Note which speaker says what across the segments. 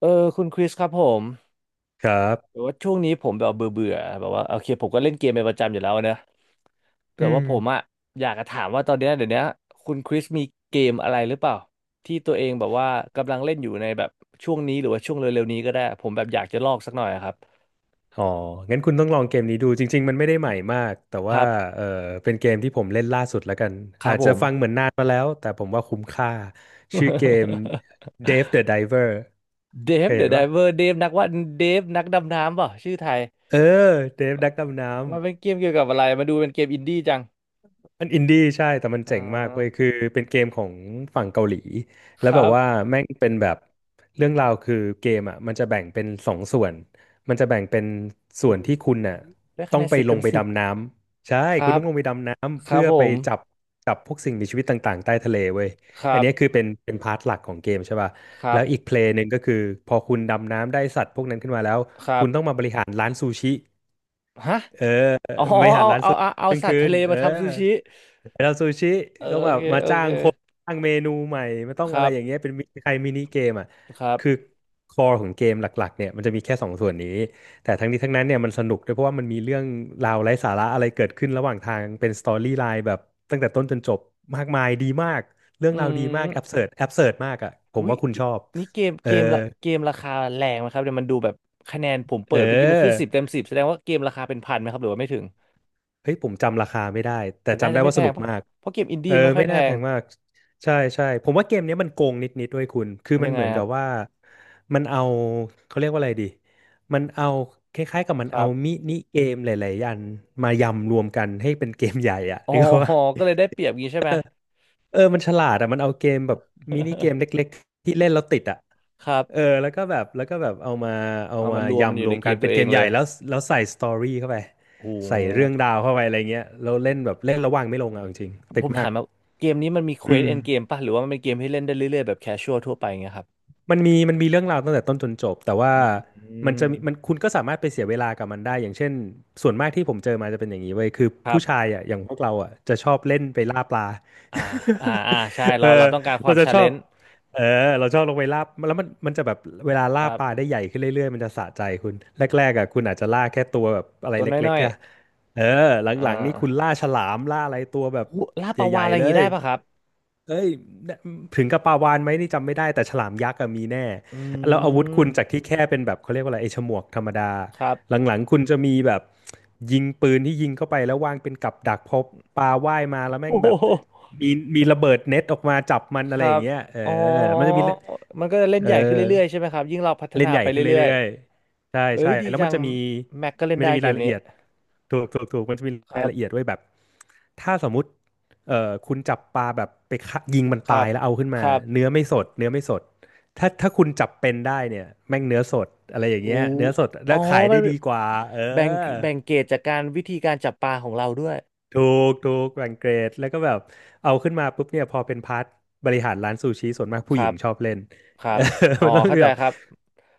Speaker 1: เออคุณคริสครับผม
Speaker 2: ครั
Speaker 1: แต่
Speaker 2: บ
Speaker 1: ว่าช่วงนี้ผมแบบเบื่อเบื่อแบบว่าโอเคผมก็เล่นเกมเป็นประจำอยู่แล้วนะแต่
Speaker 2: อื
Speaker 1: ว่า
Speaker 2: ม
Speaker 1: ผมอะอยากจะถามว่าตอนเนี้ยเดี๋ยวเนี้ยคุณคริสมีเกมอะไรหรือเปล่าที่ตัวเองแบบว่ากำลังเล่นอยู่ในแบบช่วงนี้หรือว่าช่วงเร็วๆนี้ก็ได้ผมแบบอยากจะลอกสักหน่อยอะครับ
Speaker 2: อ๋อ งั้นคุณต้องลองเกมนี้ดู จริงๆ มันไม่ได้ใหม่มาก แต่
Speaker 1: ค
Speaker 2: ว่า
Speaker 1: รั
Speaker 2: เอ
Speaker 1: บ
Speaker 2: อเป็นเกมที่ผมเล่นล่าสุดแล้วกัน
Speaker 1: ครั
Speaker 2: อา
Speaker 1: บ
Speaker 2: จ
Speaker 1: ผ
Speaker 2: จะ
Speaker 1: ม
Speaker 2: ฟังเหมือนนานมาแล้ว แต่ผมว่าคุ้มค่า ชื่อเกม Dave the Diver
Speaker 1: เด
Speaker 2: เค
Speaker 1: ฟ
Speaker 2: ย
Speaker 1: เด
Speaker 2: เห็
Speaker 1: อะ
Speaker 2: น
Speaker 1: ได
Speaker 2: ปะ
Speaker 1: เวอร์เดฟนักว่าเดฟนักดำน้ำเปล่าชื่อไทย
Speaker 2: เออ Dave นักดำน้ำ
Speaker 1: มันเป็นเกมเกี่ยวกับอะไรมาดูเป็นเกมอินดี้จัง
Speaker 2: มันอินดี้ใช่แต่มัน
Speaker 1: อ่
Speaker 2: เจ๋งมากเว้ย
Speaker 1: า
Speaker 2: คือเป็นเกมของฝั่งเกาหลี
Speaker 1: ค
Speaker 2: แล้ว
Speaker 1: รั
Speaker 2: แบบว่า
Speaker 1: บ
Speaker 2: แม่งเป็นแบบเรื่องราวคือเกมอ่ะมันจะแบ่งเป็นสองส่วนมันจะแบ่งเป็นส่
Speaker 1: โอ้
Speaker 2: วน
Speaker 1: โห
Speaker 2: ที่คุณน่ะ
Speaker 1: ได้คะ
Speaker 2: ต้อ
Speaker 1: แน
Speaker 2: ง
Speaker 1: น
Speaker 2: ไป
Speaker 1: สิบ
Speaker 2: ล
Speaker 1: เต็
Speaker 2: ง
Speaker 1: ม
Speaker 2: ไป
Speaker 1: สิบ
Speaker 2: ดำน้ำใช่
Speaker 1: ค
Speaker 2: คุณ
Speaker 1: รับ
Speaker 2: ต้องลงไปดำน้ำ
Speaker 1: ครั
Speaker 2: เพื่
Speaker 1: บ
Speaker 2: อ
Speaker 1: ผ
Speaker 2: ไป
Speaker 1: ม
Speaker 2: จับจับพวกสิ่งมีชีวิตต่างๆใต้ทะเลเว้ย
Speaker 1: ค
Speaker 2: อั
Speaker 1: รั
Speaker 2: น
Speaker 1: บ
Speaker 2: เนี้ยคือเป็นพาร์ทหลักของเกมใช่ป่ะ
Speaker 1: ครั
Speaker 2: แล้วอีกเพ
Speaker 1: บ
Speaker 2: ลย์หนึ่งก็คือพอคุณดำน้ำได้สัตว์พวกนั้นขึ้นมาแล้ว
Speaker 1: ครั
Speaker 2: คุ
Speaker 1: บ
Speaker 2: ณต้องมาบริหารร้านซูชิ
Speaker 1: ฮะ
Speaker 2: เออ
Speaker 1: อ๋อ
Speaker 2: บริหาร
Speaker 1: เอา
Speaker 2: ร้าน
Speaker 1: เอา
Speaker 2: ซูชิ
Speaker 1: เอาเอา
Speaker 2: หนึ่ง
Speaker 1: สัต
Speaker 2: คื
Speaker 1: ว์ทะ
Speaker 2: น
Speaker 1: เล
Speaker 2: เออ
Speaker 1: มาทำซูชิ
Speaker 2: เราซูชิ
Speaker 1: เออ
Speaker 2: ต้อง
Speaker 1: โอ
Speaker 2: แบบ
Speaker 1: เค
Speaker 2: มา
Speaker 1: โอ
Speaker 2: จ้า
Speaker 1: เค
Speaker 2: งคนสร้างเมนูใหม่มันต้อง
Speaker 1: ค
Speaker 2: อะ
Speaker 1: รั
Speaker 2: ไร
Speaker 1: บ
Speaker 2: อย่างเงี้ยเป็นมิใครมินิเกมอ่ะ
Speaker 1: ครับ
Speaker 2: คือคอของเกมหลักๆเนี่ยมันจะมีแค่สองส่วนนี้แต่ทั้งนี้ทั้งนั้นเนี่ยมันสนุกด้วยเพราะว่ามันมีเรื่องราวไร้สาระอะไรเกิดขึ้นระหว่างทางเป็นสตอรี่ไลน์แบบตั้งแต่ต้นจนจบมากมายดีมากเรื่อง
Speaker 1: อื
Speaker 2: ราวดีมากแอบ
Speaker 1: ม
Speaker 2: เสิร์ดแอบเสิร์ดมากอ่ะผ
Speaker 1: อุ๊
Speaker 2: ม
Speaker 1: ย
Speaker 2: ว่าคุณชอบ
Speaker 1: นี่เกม
Speaker 2: เอ
Speaker 1: เก
Speaker 2: อ
Speaker 1: มละเกมราคาแรงไหมครับเดี๋ยวมันดูแบบคะแนนผม
Speaker 2: เ
Speaker 1: เปิดเมื่อกี้มันขึ้น
Speaker 2: ออ
Speaker 1: สิบเต็มสิบแสดงว่าเกมราคาเป็นพันไหมครับหรือว่าไม่ถึง
Speaker 2: เฮ้ยผมจำราคาไม่ได้แต่
Speaker 1: แต่น่า
Speaker 2: จำ
Speaker 1: จะ
Speaker 2: ได้
Speaker 1: ไม่
Speaker 2: ว่า
Speaker 1: แพ
Speaker 2: สนุ
Speaker 1: ง
Speaker 2: ก
Speaker 1: ปะ
Speaker 2: มาก
Speaker 1: เพราะเกมอิน
Speaker 2: เอ
Speaker 1: ดี้
Speaker 2: อ
Speaker 1: ไม่ค่อย
Speaker 2: ไม่
Speaker 1: แพ
Speaker 2: น่าแพ
Speaker 1: ง
Speaker 2: งมากใช่ใช่ผมว่าเกมเนี้ยมันโกงนิดๆด้วยคุณคือมั
Speaker 1: ยั
Speaker 2: น
Speaker 1: งไง
Speaker 2: เหมือน
Speaker 1: ค
Speaker 2: กั
Speaker 1: รับ
Speaker 2: บว่ามันเอาเขาเรียกว่าอะไรดีมันเอาคล้ายๆกับมัน
Speaker 1: ค
Speaker 2: เอา
Speaker 1: รับ
Speaker 2: มินิเกมหลายๆอันมายำรวมกันให้เป็นเกมใหญ่อ่ะ
Speaker 1: อ๋อ
Speaker 2: นึกว่า
Speaker 1: ก็เลยได้เปรียบงี้ใช่ไหม
Speaker 2: เออมันฉลาดอ่ะมันเอาเกมแบบมินิเกมเล็กๆที่เล่นแล้วติดอ่ะ
Speaker 1: ครับ
Speaker 2: เออแล้วก็แบบเอามาเอา
Speaker 1: เอา
Speaker 2: มา
Speaker 1: มารวมมันอ
Speaker 2: ยำร
Speaker 1: ยู่
Speaker 2: ว
Speaker 1: ใน
Speaker 2: ม
Speaker 1: เก
Speaker 2: กัน
Speaker 1: มตั
Speaker 2: เป็
Speaker 1: ว
Speaker 2: น
Speaker 1: เอ
Speaker 2: เก
Speaker 1: ง
Speaker 2: มให
Speaker 1: เล
Speaker 2: ญ่
Speaker 1: ย
Speaker 2: แล้วใส่สตอรี่เข้าไป
Speaker 1: โ
Speaker 2: ใส่เรื่อ
Speaker 1: ห
Speaker 2: งราวเข้าไปอะไรเงี้ยแล้วเล่นระว่างไม่ลงอ่ะเอาจริงๆติ
Speaker 1: ผ
Speaker 2: ด
Speaker 1: ม
Speaker 2: มาก
Speaker 1: ถามมาเกมนี้มันมีเคว
Speaker 2: อื
Speaker 1: ส
Speaker 2: ม
Speaker 1: เอนเกมป่ะหรือว่ามันเป็นเกมที่เล่นได้เรื่อยๆแบบแคชชวลทั่วไปเงี้ยครับ
Speaker 2: มันมีเรื่องราวตั้งแต่ต้นจนจบแต่ว่า
Speaker 1: อื
Speaker 2: มันจะมีมัน
Speaker 1: ม
Speaker 2: คุณก็สามารถไปเสียเวลากับมันได้อย่างเช่นส่วนมากที่ผมเจอมาจะเป็นอย่างนี้เว้ยคือ
Speaker 1: ครั
Speaker 2: ผู้
Speaker 1: บ
Speaker 2: ชายอ่ะอย่างพวกเราอ่ะจะชอบเล่นไปล่าปลา
Speaker 1: อ่าใช่
Speaker 2: เอ
Speaker 1: เรา
Speaker 2: อ
Speaker 1: ต้องการควา
Speaker 2: เรา
Speaker 1: ม
Speaker 2: จะ
Speaker 1: ชา
Speaker 2: ช
Speaker 1: เล
Speaker 2: อบ
Speaker 1: นจ์
Speaker 2: เออเราชอบลงไปล่าแล้วมันจะแบบเวลา
Speaker 1: ค
Speaker 2: ล่า
Speaker 1: รั
Speaker 2: ปลา
Speaker 1: บ
Speaker 2: ได้ใหญ่ขึ้นเรื่อยๆมันจะสะใจคุณแรกๆอ่ะคุณอาจจะล่าแค่ตัวแบบอะไร
Speaker 1: ตัว
Speaker 2: เล็ก
Speaker 1: น้อ
Speaker 2: ๆ
Speaker 1: ย
Speaker 2: แค่เออ
Speaker 1: ๆอ่า
Speaker 2: หลังๆนี่คุณล่าฉลามล่าอะไรตัวแบบ
Speaker 1: หูล่าปลา
Speaker 2: ให
Speaker 1: วาฬ
Speaker 2: ญ่
Speaker 1: อะไรอ
Speaker 2: ๆ
Speaker 1: ย่า
Speaker 2: เล
Speaker 1: งงี้
Speaker 2: ย
Speaker 1: ได้ป่ะครับ
Speaker 2: เอ้ยถึงกับปลาวาฬไหมนี่จำไม่ได้แต่ฉลามยักษ์อะมีแน่
Speaker 1: อื
Speaker 2: แล้วอาวุธคุณจาก
Speaker 1: ม
Speaker 2: ที่แค่เป็นแบบเขาเรียกว่าอะไรไอ้ฉมวกธรรมดา
Speaker 1: ครับ
Speaker 2: หลังๆคุณจะมีแบบยิงปืนที่ยิงเข้าไปแล้ววางเป็นกับดักพอปลาว่ายมาแล้วแม่
Speaker 1: โอ้
Speaker 2: ง
Speaker 1: โ
Speaker 2: แบบ
Speaker 1: ห
Speaker 2: มีมีระเบิดเน็ตออกมาจับมัน
Speaker 1: ค
Speaker 2: อะไร
Speaker 1: รั
Speaker 2: อย่า
Speaker 1: บ
Speaker 2: งเงี้ยเอ
Speaker 1: อ๋
Speaker 2: อมัน
Speaker 1: อ
Speaker 2: จะมีเล่น
Speaker 1: มันก็จะเล่น
Speaker 2: เอ
Speaker 1: ใหญ่ขึ้น
Speaker 2: อ
Speaker 1: เรื่อยๆใช่ไหมครับยิ่งเราพัฒ
Speaker 2: เล่
Speaker 1: นา
Speaker 2: นใหญ่
Speaker 1: ไป
Speaker 2: ขึ้น
Speaker 1: เรื่อย
Speaker 2: เรื่อยๆใช่
Speaker 1: ๆเอ้
Speaker 2: ใช่
Speaker 1: ยดี
Speaker 2: แล้ว
Speaker 1: จั
Speaker 2: มัน
Speaker 1: ง
Speaker 2: จะมี
Speaker 1: แม็กก็เล่น
Speaker 2: มัน
Speaker 1: ได้
Speaker 2: จะมี
Speaker 1: เก
Speaker 2: รา
Speaker 1: ม
Speaker 2: ยละ
Speaker 1: นี้
Speaker 2: เอียดถูกถูกถูกมันจะมี
Speaker 1: ค
Speaker 2: รา
Speaker 1: รั
Speaker 2: ย
Speaker 1: บ
Speaker 2: ละเอียดไว้แบบถ้าสมมุติคุณจับปลาแบบไปฆ่ายิงมัน
Speaker 1: ครั
Speaker 2: ตา
Speaker 1: บ
Speaker 2: ยแล้วเอาขึ้น
Speaker 1: ค
Speaker 2: มา
Speaker 1: รั
Speaker 2: เนื้อ
Speaker 1: บ
Speaker 2: ไม่สดเนื้อไม่สดถ้าคุณจับเป็นได้เนี่ยแม่งเนื้อสดอะไรอย่าง
Speaker 1: โอ้
Speaker 2: เงี้ยเนื้อสด
Speaker 1: อ๋
Speaker 2: แล้
Speaker 1: อ
Speaker 2: วขาย
Speaker 1: มั
Speaker 2: ได้
Speaker 1: น
Speaker 2: ดีกว่าเออ
Speaker 1: แบ่งแบ่งเกรดจากการวิธีการจับปลาของเราด้วย
Speaker 2: ถูกถูกแบ่งเกรดแล้วก็แบบเอาขึ้นมาปุ๊บเนี่ยพอเป็นพาร์ทบริหารร้านซูชิส่วนมาก
Speaker 1: ค
Speaker 2: ผู้ห
Speaker 1: รั
Speaker 2: ญิง
Speaker 1: บ
Speaker 2: ชอบเล่น
Speaker 1: ค รั
Speaker 2: เออ
Speaker 1: บ อ๋อ
Speaker 2: มันต้อง
Speaker 1: เข้าใจ
Speaker 2: แบบ
Speaker 1: ครับ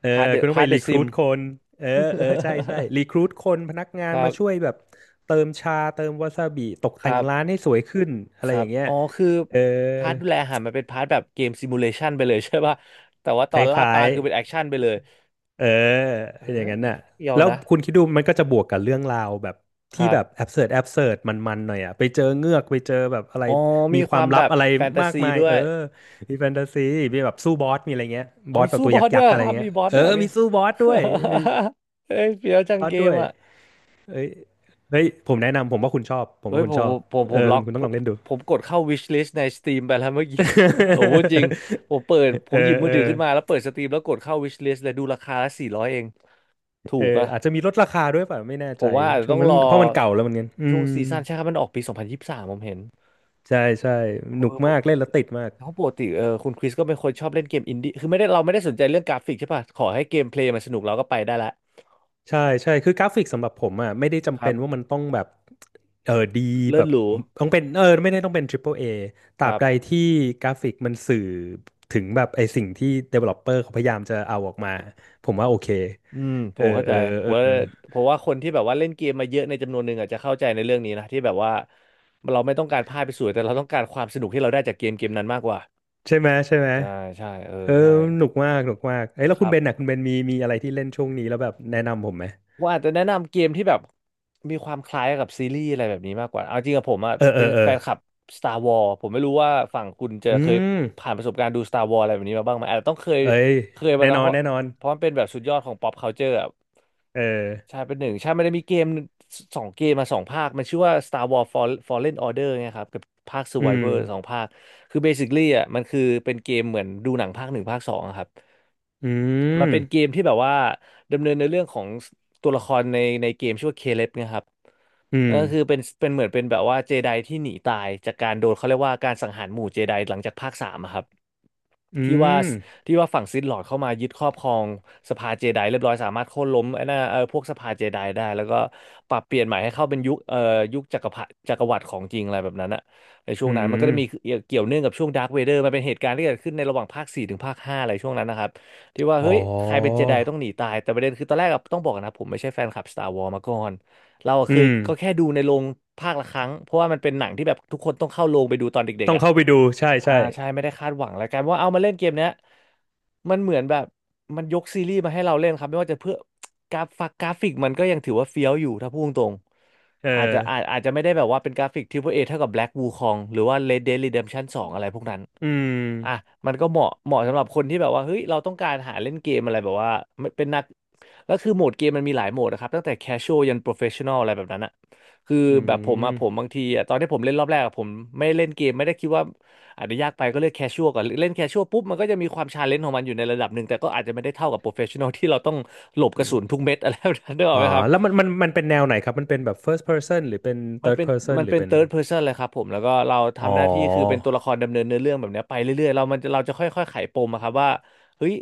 Speaker 2: เออ
Speaker 1: พาร์ทเด
Speaker 2: คุ
Speaker 1: อะ
Speaker 2: ณต้อง
Speaker 1: พาร์
Speaker 2: ไป
Speaker 1: ทเด
Speaker 2: รี
Speaker 1: อะ
Speaker 2: ค
Speaker 1: ซิ
Speaker 2: รู
Speaker 1: ม
Speaker 2: ทคนเออเออใช่ใช่รีครู ทคนพนักงา
Speaker 1: ค
Speaker 2: น
Speaker 1: รั
Speaker 2: มา
Speaker 1: บ
Speaker 2: ช่วยแบบเติมชาเติมวาซาบิตก
Speaker 1: ค
Speaker 2: แต่ง
Speaker 1: รั
Speaker 2: ร้า
Speaker 1: บ
Speaker 2: นให้สวยขึ้นอะ
Speaker 1: ค
Speaker 2: ไร
Speaker 1: รั
Speaker 2: อ
Speaker 1: บ
Speaker 2: ย่างเงี้ย
Speaker 1: อ๋อคือ
Speaker 2: เออ
Speaker 1: พาร์ทดูแลอาหารมันเป็นพาร์ทแบบเกมซิมูเลชันไปเลย ใช่ป่ะแต่ว่าต
Speaker 2: ค
Speaker 1: อ
Speaker 2: ล
Speaker 1: นล่าป
Speaker 2: ้า
Speaker 1: ลา
Speaker 2: ยๆ
Speaker 1: คือเป็นแอคชั่นไปเลย
Speaker 2: เออ
Speaker 1: เอ
Speaker 2: อย่างนั้
Speaker 1: อ
Speaker 2: นน่ะ
Speaker 1: เดียว
Speaker 2: แล้ว
Speaker 1: นะ
Speaker 2: คุณคิดดูมันก็จะบวกกับเรื่องราวแบบ
Speaker 1: ค
Speaker 2: ที่
Speaker 1: รับ
Speaker 2: แบบแอบเสิร์ตแอบเสิร์ตมันๆหน่อยอ่ะไปเจอเงือกไปเจอแบบอะไร
Speaker 1: อ๋อ
Speaker 2: มี
Speaker 1: มี
Speaker 2: ค
Speaker 1: ค
Speaker 2: วา
Speaker 1: วา
Speaker 2: ม
Speaker 1: ม
Speaker 2: ลั
Speaker 1: แบ
Speaker 2: บ
Speaker 1: บ
Speaker 2: อะไร
Speaker 1: แฟนตา
Speaker 2: มาก
Speaker 1: ซี
Speaker 2: มาย
Speaker 1: ด้ว
Speaker 2: เออ
Speaker 1: ย
Speaker 2: มีแฟนตาซีมีแบบสู้บอสมีอะไรเงี้ย
Speaker 1: อ๋
Speaker 2: บ
Speaker 1: อ
Speaker 2: อส
Speaker 1: มี
Speaker 2: แบบ
Speaker 1: สู้
Speaker 2: ตัว
Speaker 1: บอ
Speaker 2: ยัก
Speaker 1: สด้ว
Speaker 2: ษ์
Speaker 1: ย
Speaker 2: ๆอะไร
Speaker 1: ครับ
Speaker 2: เงี้ย
Speaker 1: มีบอส
Speaker 2: เออ
Speaker 1: ด้วยมหรี
Speaker 2: มี
Speaker 1: ย
Speaker 2: สู้บอสด้วยมี
Speaker 1: เฮ้ยเฟี้ยวจัง
Speaker 2: บอส
Speaker 1: เก
Speaker 2: ด้
Speaker 1: ม
Speaker 2: วย
Speaker 1: อ่ะ
Speaker 2: เอ้ยเฮ้ยผมแนะนำผมว่าคุณชอบผม
Speaker 1: เอ้
Speaker 2: ว่า
Speaker 1: ย
Speaker 2: คุณ
Speaker 1: ผม
Speaker 2: ชอ
Speaker 1: ผ
Speaker 2: บ
Speaker 1: มผมผ
Speaker 2: เอ
Speaker 1: ม
Speaker 2: อ
Speaker 1: ล็
Speaker 2: คุ
Speaker 1: อ
Speaker 2: ณ
Speaker 1: ก
Speaker 2: คุณต้
Speaker 1: ผ
Speaker 2: องล
Speaker 1: ม
Speaker 2: องเล่นดู
Speaker 1: ผมกดเข้า wish list ใน Steam ไปแล้วเมื่อกี้ โอ้พูดจริง ผมเปิดผ
Speaker 2: เอ
Speaker 1: มหยิบ
Speaker 2: อ
Speaker 1: มื
Speaker 2: เอ
Speaker 1: อถือ
Speaker 2: อ
Speaker 1: ขึ้นมาแล้วเปิด Steam แล้วกดเข้า wish list เลยดูราคาละ400เอง ถู
Speaker 2: เอ
Speaker 1: ก
Speaker 2: อ
Speaker 1: อะ
Speaker 2: อาจจะมีลดราคาด้วยเปล่ะไม่แน่
Speaker 1: ผ
Speaker 2: ใจ
Speaker 1: มว่าอาจจะ
Speaker 2: ช่ว
Speaker 1: ต้
Speaker 2: ง
Speaker 1: อง
Speaker 2: นั้น
Speaker 1: รอ
Speaker 2: เพราะมันเก่าแล้วเหมือนกันอื
Speaker 1: ช่วงซี
Speaker 2: ม
Speaker 1: ซั่นใช่ครับมันออกปี 2023ผมเห็น
Speaker 2: ใช่ใช่
Speaker 1: เอ
Speaker 2: หนุก
Speaker 1: อปก
Speaker 2: มากเล่นแล้วติดมาก
Speaker 1: เขาปกติคุณคริสก็เป็นคนชอบเล่นเกมอินดี้คือไม่ได้เราไม่ได้สนใจเรื่องกราฟิกใช่ป่ะ ขอให้เกมเพลย์มันสนุกเราก็ไปได้ละ
Speaker 2: ใช่ใช่คือกราฟิกสำหรับผมอ่ะไม่ได้
Speaker 1: ค
Speaker 2: จำ
Speaker 1: รั
Speaker 2: เป็น
Speaker 1: บ
Speaker 2: ว่ามันต้องแบบเออดี
Speaker 1: เลิ
Speaker 2: แบ
Speaker 1: ศ
Speaker 2: บ
Speaker 1: หรู
Speaker 2: ต้องเป็นเออไม่ได้ต้องเป็น Triple A ต
Speaker 1: ค
Speaker 2: ราบ
Speaker 1: รั
Speaker 2: ใด
Speaker 1: บ
Speaker 2: ที่กราฟิกมันสื่อถึงแบบไอสิ่งที่ Developer เขาพยายามจะเอาออกมาผมว่าโอเค
Speaker 1: อืมผ
Speaker 2: เออ
Speaker 1: มเข้า
Speaker 2: เอ
Speaker 1: ใจ
Speaker 2: อ
Speaker 1: ผ
Speaker 2: เออ
Speaker 1: มว่าผมว่าคนที่แบบว่าเล่นเกมมาเยอะในจำนวนหนึ่งอาจจะเข้าใจในเรื่องนี้นะที่แบบว่าเราไม่ต้องการภาพไปสวยแต่เราต้องการความสนุกที่เราได้จากเกมเกมนั้นมากกว่า
Speaker 2: ใช่ไหมใช่ไหม
Speaker 1: ใช่ใช่เออ
Speaker 2: เออ
Speaker 1: ใช่
Speaker 2: หนุกมากหนุกมากเอ้ยแล้ว
Speaker 1: ค
Speaker 2: คุณ
Speaker 1: รับ
Speaker 2: เบนน่ะคุณเบนมีอะไรที่เล่นช่วงนี้แล้วแบบแนะนำผมไหม
Speaker 1: ผมอาจจะแนะนำเกมที่แบบมีความคล้ายกับซีรีส์อะไรแบบนี้มากกว่าเอาจริงกับผมอ่ะ
Speaker 2: เออเอ
Speaker 1: เป็น
Speaker 2: อเออ
Speaker 1: แฟนคลับ Star Wars ผมไม่รู้ว่าฝั่งคุณจะ
Speaker 2: อื
Speaker 1: เคย
Speaker 2: ม
Speaker 1: ผ่านประสบการณ์ดู Star Wars อะไรแบบนี้มาบ้างไหมอาจจะต้องเคย
Speaker 2: เอ้ย
Speaker 1: เคยมา
Speaker 2: แน่
Speaker 1: เนอะ
Speaker 2: นอ
Speaker 1: เพ
Speaker 2: น
Speaker 1: ราะ
Speaker 2: แน่นอน
Speaker 1: เพราะมันเป็นแบบสุดยอดของ pop culture อะ
Speaker 2: เออ
Speaker 1: ใช่เป็นหนึ่งใช่มันจะมีเกมสองเกมมาสองภาคมันชื่อว่า Star Wars Fallen Order ไงครับกับภาค
Speaker 2: อืม
Speaker 1: Survivor สองภาคคือ basically อ่ะมันคือเป็นเกมเหมือนดูหนังภาคหนึ่งภาคสองอะครับ
Speaker 2: อื
Speaker 1: มัน
Speaker 2: ม
Speaker 1: เป็นเกมที่แบบว่าดำเนินในเรื่องของตัวละครในเกมชื่อว่าเคเลบนะครับ
Speaker 2: อืม
Speaker 1: ก็คือเป็นเหมือนเป็นแบบว่าเจไดที่หนีตายจากการโดนเขาเรียกว่าการสังหารหมู่เจไดหลังจากภาคสามอะครับ
Speaker 2: อื
Speaker 1: ที่ว่า
Speaker 2: ม
Speaker 1: ที่ว่าฝั่งซิธลอร์ดเข้ามายึดครอบครองสภาเจไดเรียบร้อยสามารถโค่นล้มไอ้น่าเออพวกสภาเจไดได้แล้วก็ปรับเปลี่ยนใหม่ให้เข้าเป็นยุคจักรวรรดิของจริงอะไรแบบนั้นอะในช่ว
Speaker 2: อื
Speaker 1: งนั้นมันก็จะมี
Speaker 2: ม
Speaker 1: เกี่ยวเนื่องกับช่วงดาร์ v เวเดอร์มันเป็นเหตุการณ์ที่เกิดขึ้นในระหว่างภาคสี่ถึงภาคห้าอะไรช่วงนั้นนะครับที่ว่าเฮ้
Speaker 2: อ๋อ
Speaker 1: ยใครเป็นเจไดต้องหนีตายแต่ประเด็นคือตอนแรกอะต้องบอกกอนนะผมไม่ใช่แฟนคลับ Star Wars มาก่อนเราอะ
Speaker 2: อื
Speaker 1: เคย
Speaker 2: ม
Speaker 1: ก็แค่ดูในโรงภาคละครั้งเพราะว่ามันเป็นหนังที่แบบทุกคนต้องเข้าโรงไปดูตอนเด็ก
Speaker 2: ต้อ
Speaker 1: ๆ
Speaker 2: ง
Speaker 1: อะ
Speaker 2: เข้าไปดูใช่
Speaker 1: อ่า
Speaker 2: ใช่
Speaker 1: ใช่ไม่ได้คาดหวังแล้วกันว่าเอามาเล่นเกมเนี้ยมันเหมือนแบบมันยกซีรีส์มาให้เราเล่นครับไม่ว่าจะเพื่อกราฟกกราฟิกมันก็ยังถือว่าเฟี้ยวอยู่ถ้าพูดตรง
Speaker 2: เออ
Speaker 1: ๆอาจจะอาจจะไม่ได้แบบว่าเป็นกราฟิก Triple A เปิ้ลเอเท่ากับ Black Wukong หรือว่า Red Dead Redemption 2องอะไรพวกนั้น
Speaker 2: อื
Speaker 1: อ่ะ
Speaker 2: ม
Speaker 1: มันก็เหมาะสำหรับคนที่แบบว่าเฮ้ยเราต้องการหาเล่นเกมอะไรแบบว่ามันเป็นนักแล้วคือโหมดเกมมันมีหลายโหมดนะครับตั้งแต่ casual ยัน professional อะไรแบบนั้นอะคือ
Speaker 2: อื
Speaker 1: แบบผมอะผม
Speaker 2: ม
Speaker 1: บางทีอะตอนที่ผมเล่นรอบแรกอะผมไม่เล่นเกมไม่ได้คิดว่าอาจจะยากไปก็เลือก casual ก่อนเล่น casual ปุ๊บมันก็จะมีความชาเลนจ์ของมันอยู่ในระดับหนึ่งแต่ก็อาจจะไม่ได้เท่ากับ professional ที่เราต้องหลบกระ
Speaker 2: อ
Speaker 1: สุน
Speaker 2: ม
Speaker 1: ทุกเม็ดอะไรแบบนั้นได้หรอก
Speaker 2: อ๋
Speaker 1: ไห
Speaker 2: อ
Speaker 1: มครับ
Speaker 2: แล้วมันเป็นแนวไหนครับมันเป็นแบบ first person หรือเป็น
Speaker 1: มัน
Speaker 2: third
Speaker 1: เป็น
Speaker 2: person
Speaker 1: มัน
Speaker 2: หรือ
Speaker 1: เป็น
Speaker 2: เป็น
Speaker 1: third person เลยครับผมแล้วก็เรา
Speaker 2: อ๋อ
Speaker 1: ทำหน้าที่คือเป็นตัวละครดำเนินเนื้อเรื่องแบบเนี้ยไปเรื่อยๆเรามันเราจะค่อยๆไขปมอะครับว่าเฮ้ย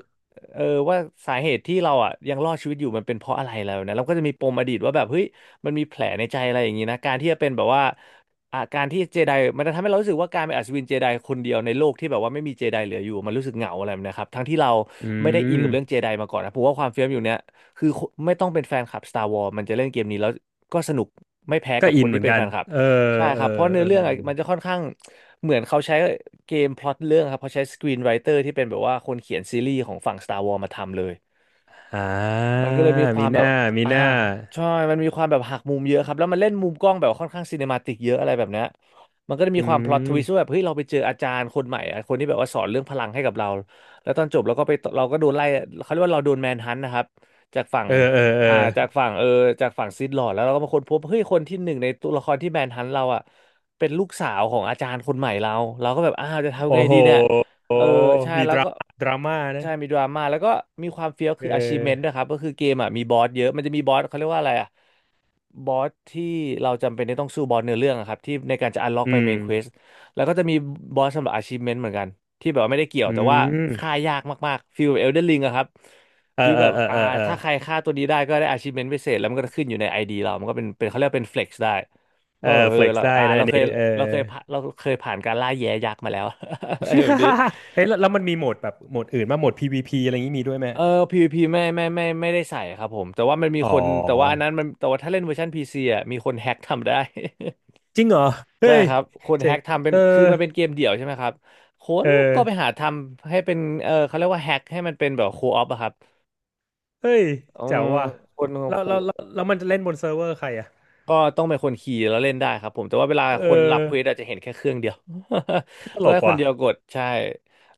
Speaker 1: เออว่าสาเหตุที่เราอ่ะยังรอดชีวิตอยู่มันเป็นเพราะอะไรแล้วนะเราก็จะมีปมอดีตว่าแบบเฮ้ยมันมีแผลในใจอะไรอย่างนี้นะการที่จะเป็นแบบว่าอาการที่เจไดมันจะทำให้เรารู้สึกว่าการเป็นอัศวินเจไดคนเดียวในโลกที่แบบว่าไม่มีเจไดเหลืออยู่มันรู้สึกเหงาอะไรแบบเนะครับทั้งที่เรา
Speaker 2: อื
Speaker 1: ไม่ได้อิน
Speaker 2: ม
Speaker 1: กับเรื่องเจไดมาก่อนนะผมว่าความเฟี้ยวอยู่เนี้ยคือไม่ต้องเป็นแฟนคลับ Star Wars มันจะเล่นเกมนี้แล้วก็สนุก ไม่แพ้
Speaker 2: ก็
Speaker 1: กับค
Speaker 2: อิน
Speaker 1: น
Speaker 2: เห
Speaker 1: ที่
Speaker 2: มือน
Speaker 1: เป็น
Speaker 2: กั
Speaker 1: แฟ
Speaker 2: น
Speaker 1: นคลับ
Speaker 2: เออ
Speaker 1: ใช่
Speaker 2: เอ
Speaker 1: ค
Speaker 2: อ
Speaker 1: รับเพราะเนื้
Speaker 2: เอ
Speaker 1: อ
Speaker 2: อ
Speaker 1: เรื่องอะมันจะค่อนข้างเหมือนเขาใช้เกมพล็อตเรื่องครับเขาใช้สกรีนไรเตอร์ที่เป็นแบบว่าคนเขียนซีรีส์ของฝั่ง Star Wars มาทำเลย
Speaker 2: อ่า
Speaker 1: มันก็เลยมีควา
Speaker 2: มี
Speaker 1: ม
Speaker 2: ห
Speaker 1: แบบ
Speaker 2: น้า มี
Speaker 1: อ่า
Speaker 2: หน้า
Speaker 1: ใช่มันมีความแบบหักมุมเยอะครับแล้วมันเล่นมุมกล้องแบบค่อนข้างซีเนมาติกเยอะอะไรแบบเนี้ยมันก็จะมี
Speaker 2: อื
Speaker 1: ความพล็อตทวิสต์ว่า
Speaker 2: ม
Speaker 1: แบบเฮ้ยเราไปเจออาจารย์คนใหม่อะคนที่แบบว่าสอนเรื่องพลังให้กับเราแล้วตอนจบเราก็ไปเราก็โดนไล่เขาเรียกว่าเราโดนแมนฮันต์นะครับจากฝั่ง
Speaker 2: เออเออเออ
Speaker 1: อ่าจากฝั่งจากฝั่งซิธลอร์ดแล้วเราก็มาค้นพบเฮ้ยคนที่หนึ่งในตัวละครที่แมนฮันต์เราอ่ะเป็นลูกสาวของอาจารย์คนใหม่เราเราก็แบบอ้าวจะทำ
Speaker 2: โอ้
Speaker 1: ไง
Speaker 2: โห
Speaker 1: ดีเนี่ย เออใช่
Speaker 2: มี
Speaker 1: แล้
Speaker 2: ด
Speaker 1: ว
Speaker 2: รา
Speaker 1: ก็
Speaker 2: ม่าดราม่า
Speaker 1: ใช่
Speaker 2: นะ
Speaker 1: มีดราม่าแล้วก็มีความเฟี้ยว
Speaker 2: เอ
Speaker 1: คือ achievement ด้วย
Speaker 2: อ
Speaker 1: ครับก็คือเกมอ่ะมีบอสเยอะมันจะมีบอสเขาเรียกว่าอะไรอ่ะบอสที่เราจำเป็นที่ต้องสู้บอสเนื้อเรื่องอะครับที่ในการจะ unlock ไป
Speaker 2: อืม
Speaker 1: main quest แล้วก็จะมีบอสสำหรับ achievement เหมือนกันที่แบบว่าไม่ได้เกี่ยว
Speaker 2: อื
Speaker 1: แต่ว่า
Speaker 2: ม
Speaker 1: ฆ่ายากมากๆฟีลแบบ Elden Ring อะครับ
Speaker 2: เออ
Speaker 1: ฟีล
Speaker 2: เออ
Speaker 1: แบบ
Speaker 2: เออ
Speaker 1: อ่า
Speaker 2: เออเออ
Speaker 1: ถ้าใครฆ่าตัวนี้ได้ก็ได้ achievement พิเศษแล้วมันก็จะขึ้นอยู่ใน ID เรามันก็เป็นเขาเรียกว่าเป็น flex ได้
Speaker 2: เอ
Speaker 1: ว่าแบ
Speaker 2: อ
Speaker 1: บเอ
Speaker 2: เฟ
Speaker 1: อ
Speaker 2: ล็กซ
Speaker 1: เรา
Speaker 2: ได้
Speaker 1: อ่า
Speaker 2: นะ
Speaker 1: เรา
Speaker 2: อัน
Speaker 1: เคย
Speaker 2: นี้เอ
Speaker 1: เรา
Speaker 2: อ
Speaker 1: เคยผ่านเราเคยผ่านการล่าแย้ยักษ์มาแล้ว อะไรแบบนี้
Speaker 2: เฮ้ยแล้วแล้วมันมีโหมดแบบโหมดอื่นมางโหมด PVP อะไรอย่างนี้มีด้วยไหม
Speaker 1: เออ PVP ไม่ได้ใส่ครับผมแต่ว่ามันมี
Speaker 2: อ๋
Speaker 1: คนแต่ว่าอัน
Speaker 2: อ
Speaker 1: นั้นมันแต่ว่าถ้าเล่นเวอร์ชัน PC อ่ะมีคนแฮ็กทำได้
Speaker 2: จริงเหรอ
Speaker 1: ใช่
Speaker 2: เฮ้ย
Speaker 1: ครับคน
Speaker 2: เจ๋
Speaker 1: แฮ็
Speaker 2: ง
Speaker 1: กทำเป็น
Speaker 2: เออ
Speaker 1: คือมันเป็นเกมเดี่ยวใช่ไหมครับค
Speaker 2: เอ
Speaker 1: นก็ไป
Speaker 2: อ
Speaker 1: หาทำให้เป็นเขาเรียกว่าแฮ็กให้มันเป็นแบบโคออฟอะครับ
Speaker 2: เฮ้ย
Speaker 1: อื
Speaker 2: แจ๋
Speaker 1: ม
Speaker 2: วว่ะ
Speaker 1: คน
Speaker 2: แล้วแล้วแล้ว
Speaker 1: โอ
Speaker 2: แล้วมันจะเล่นบนเซิร์ฟเวอร์ใครอ่ะ
Speaker 1: ก็ต้องเป็นคนขี่แล้วเล่นได้ครับผมแต่ว่าเวลา
Speaker 2: เ
Speaker 1: คนรับเคว
Speaker 2: ออ
Speaker 1: สอาจจะเห็นแค่เครื่องเดียว
Speaker 2: ต
Speaker 1: ต้อ
Speaker 2: ล
Speaker 1: ง
Speaker 2: ก
Speaker 1: ให้คน
Speaker 2: ว่ะ
Speaker 1: เดียวกดใช่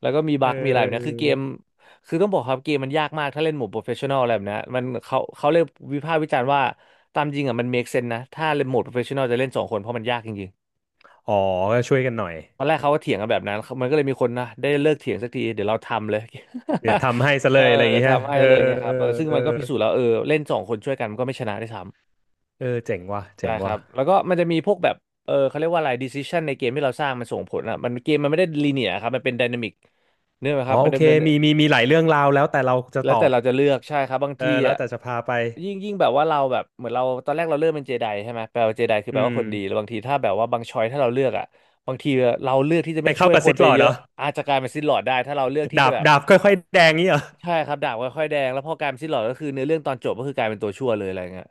Speaker 1: แล้วก็มี
Speaker 2: เ
Speaker 1: บั๊กมีอะไรแบบเนี้ยคือ
Speaker 2: ออ
Speaker 1: เกมคือต้องบอกครับเกมมันยากมากถ้าเล่นหมู่โปรเฟชชั่นอลอะไรแบบเนี้ยมันเขาเลยวิพากษ์วิจารณ์ว่าตามจริงอ่ะมันเมคเซนนะถ้าเล่นโหมดโปรเฟชชั่นอลจะเล่นสองคนเพราะมันยากจริงๆ
Speaker 2: อ๋อก็ช่วยกันหน่อย
Speaker 1: ตอนแรกเขาก็เถียงกันแบบนั้นมันก็เลยมีคนนะได้เลิกเถียงสักทีเดี๋ยวเราทำเลย
Speaker 2: เดี๋ยวทำให้ซะ
Speaker 1: เอ
Speaker 2: เล
Speaker 1: อ
Speaker 2: ยอะไรอย่าง
Speaker 1: เดี๋ยว
Speaker 2: เงี้ย
Speaker 1: ทำให้
Speaker 2: เออ
Speaker 1: เลยไงค
Speaker 2: เอ
Speaker 1: รับ
Speaker 2: อ
Speaker 1: เออซึ่ง
Speaker 2: เออ
Speaker 1: มันก็พิสูจน์แล้วเออเล่นสองคนช่วยกันมันก็ไม่ชนะได้วยซ้ำ
Speaker 2: เออเจ๋งว่ะ
Speaker 1: ใช่
Speaker 2: เจ๋ง
Speaker 1: ครั
Speaker 2: ว่ะ
Speaker 1: บแล้วก็มันจะมีพวกแบบเออเขาเรียกว่าอะไร decision ในเกมที่เราสร้างมันส่งผลอ่ะมันเกมมันไม่ได้ลีเนียครับมันเป็น dynamic เนื่องไหมค
Speaker 2: อ๋อ
Speaker 1: รับมั
Speaker 2: โอ
Speaker 1: น
Speaker 2: เค
Speaker 1: ดำเนิน
Speaker 2: มีหลายเรื่องราวแล้วแต่เราจะ
Speaker 1: แล้
Speaker 2: ต
Speaker 1: ว
Speaker 2: อ
Speaker 1: แต่
Speaker 2: บ
Speaker 1: เราจะเลือกใช่ครับบาง
Speaker 2: เอ
Speaker 1: ที
Speaker 2: อแล้ว
Speaker 1: อ่ะ
Speaker 2: แต่จะพาไป
Speaker 1: ยิ่งแบบว่าเราแบบเหมือนเราตอนแรกเราเลือกเป็นเจไดใช่ไหมแปลว่าเจไดคือ
Speaker 2: อื
Speaker 1: แปลว่าคนดีแล้
Speaker 2: ม
Speaker 1: วบางทีถ้าแบบว่าบางชอยถ้าเราเลือกอ่ะบางทีเราเลือกที่จะ
Speaker 2: ไป
Speaker 1: ไม่ช่
Speaker 2: เข้า
Speaker 1: วย
Speaker 2: กับ
Speaker 1: ค
Speaker 2: ซิ
Speaker 1: น
Speaker 2: ธ
Speaker 1: ไป
Speaker 2: ลอร์ด
Speaker 1: เย
Speaker 2: เหร
Speaker 1: อะ
Speaker 2: อ
Speaker 1: อาจจะกลายเป็นซิลลอร์ดได้ถ้าเราเลือกที่
Speaker 2: ดา
Speaker 1: จะ
Speaker 2: บ
Speaker 1: แบบ
Speaker 2: ดาบค่อยๆแดงนี่เหรอ
Speaker 1: ใช่ครับดาบค่อยๆแดงแล้วพอกลายเป็นซิลลอร์ดก็คือเนื้อเรื่องตอนจบก็คือกลายเป็นตัวชั่วเลยอะไรเงี้ย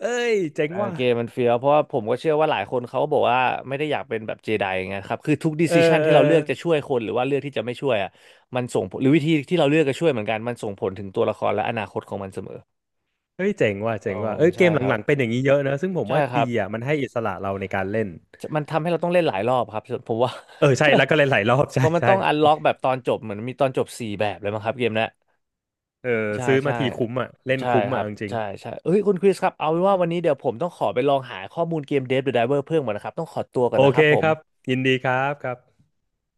Speaker 2: เอ้ยเจ๋ง
Speaker 1: เออ
Speaker 2: ว่ะ
Speaker 1: เกมมันเฟี้ยวเพราะว่าผมก็เชื่อว่าหลายคนเขาบอกว่าไม่ได้อยากเป็นแบบเจไดไงครับคือทุกดิ
Speaker 2: เอ
Speaker 1: ส i ชัน
Speaker 2: อเอ
Speaker 1: ที่
Speaker 2: อ
Speaker 1: เราเลือกจะช่วยคนหรือว่าเลือกที่จะไม่ช่วยอ่ะมันส่งผลหรือวิธีที่เราเลือกจะช่วยเหมือนกันมันส่งผลถึงตัวละครและอนาคตของมันเสมอ
Speaker 2: เฮ้ยเจ๋งว่ะ
Speaker 1: อ๋
Speaker 2: เจ๋
Speaker 1: อ
Speaker 2: งว่ะเอ้ยเก
Speaker 1: ใช่
Speaker 2: มห
Speaker 1: ครับ
Speaker 2: ลังๆเป็นอย่างนี้เยอะนะซึ่งผม
Speaker 1: ใช่
Speaker 2: ว่า
Speaker 1: ค
Speaker 2: ดี
Speaker 1: รับ
Speaker 2: อ่ะมันให้อิสระเราในการเล่น
Speaker 1: มันทำให้เราต้องเล่นหลายรอบครับผมว่า
Speaker 2: เออใช่แล้วก็เล่นหลายรอบ
Speaker 1: เพ
Speaker 2: ใช่
Speaker 1: ราะมัน
Speaker 2: ใช่
Speaker 1: ต้องอันล็อกแบบตอนจบเหมือนมีตอนจบสี่แบบเลยมั้งครับเกมเนี้ย
Speaker 2: เออ
Speaker 1: ใช่
Speaker 2: ซื้อมา
Speaker 1: ใช่
Speaker 2: ทีคุ้มอ่ะเล่น
Speaker 1: ใช่
Speaker 2: คุ้ม
Speaker 1: ครั
Speaker 2: อ่ะ
Speaker 1: บ
Speaker 2: เอาจริง
Speaker 1: ใช่ใช่เอ้ยคุณคริสครับเอาเป็นว่าวันนี้เดี๋ยวผมต้องขอไปลองหาข้อมูลเกม Dead by Diver เพิ่มก่อนนะครับต้องขอตัว
Speaker 2: ๆ
Speaker 1: ก่อน
Speaker 2: โอ
Speaker 1: นะค
Speaker 2: เค
Speaker 1: รับผ
Speaker 2: ค
Speaker 1: ม
Speaker 2: รับยินดีครับครับ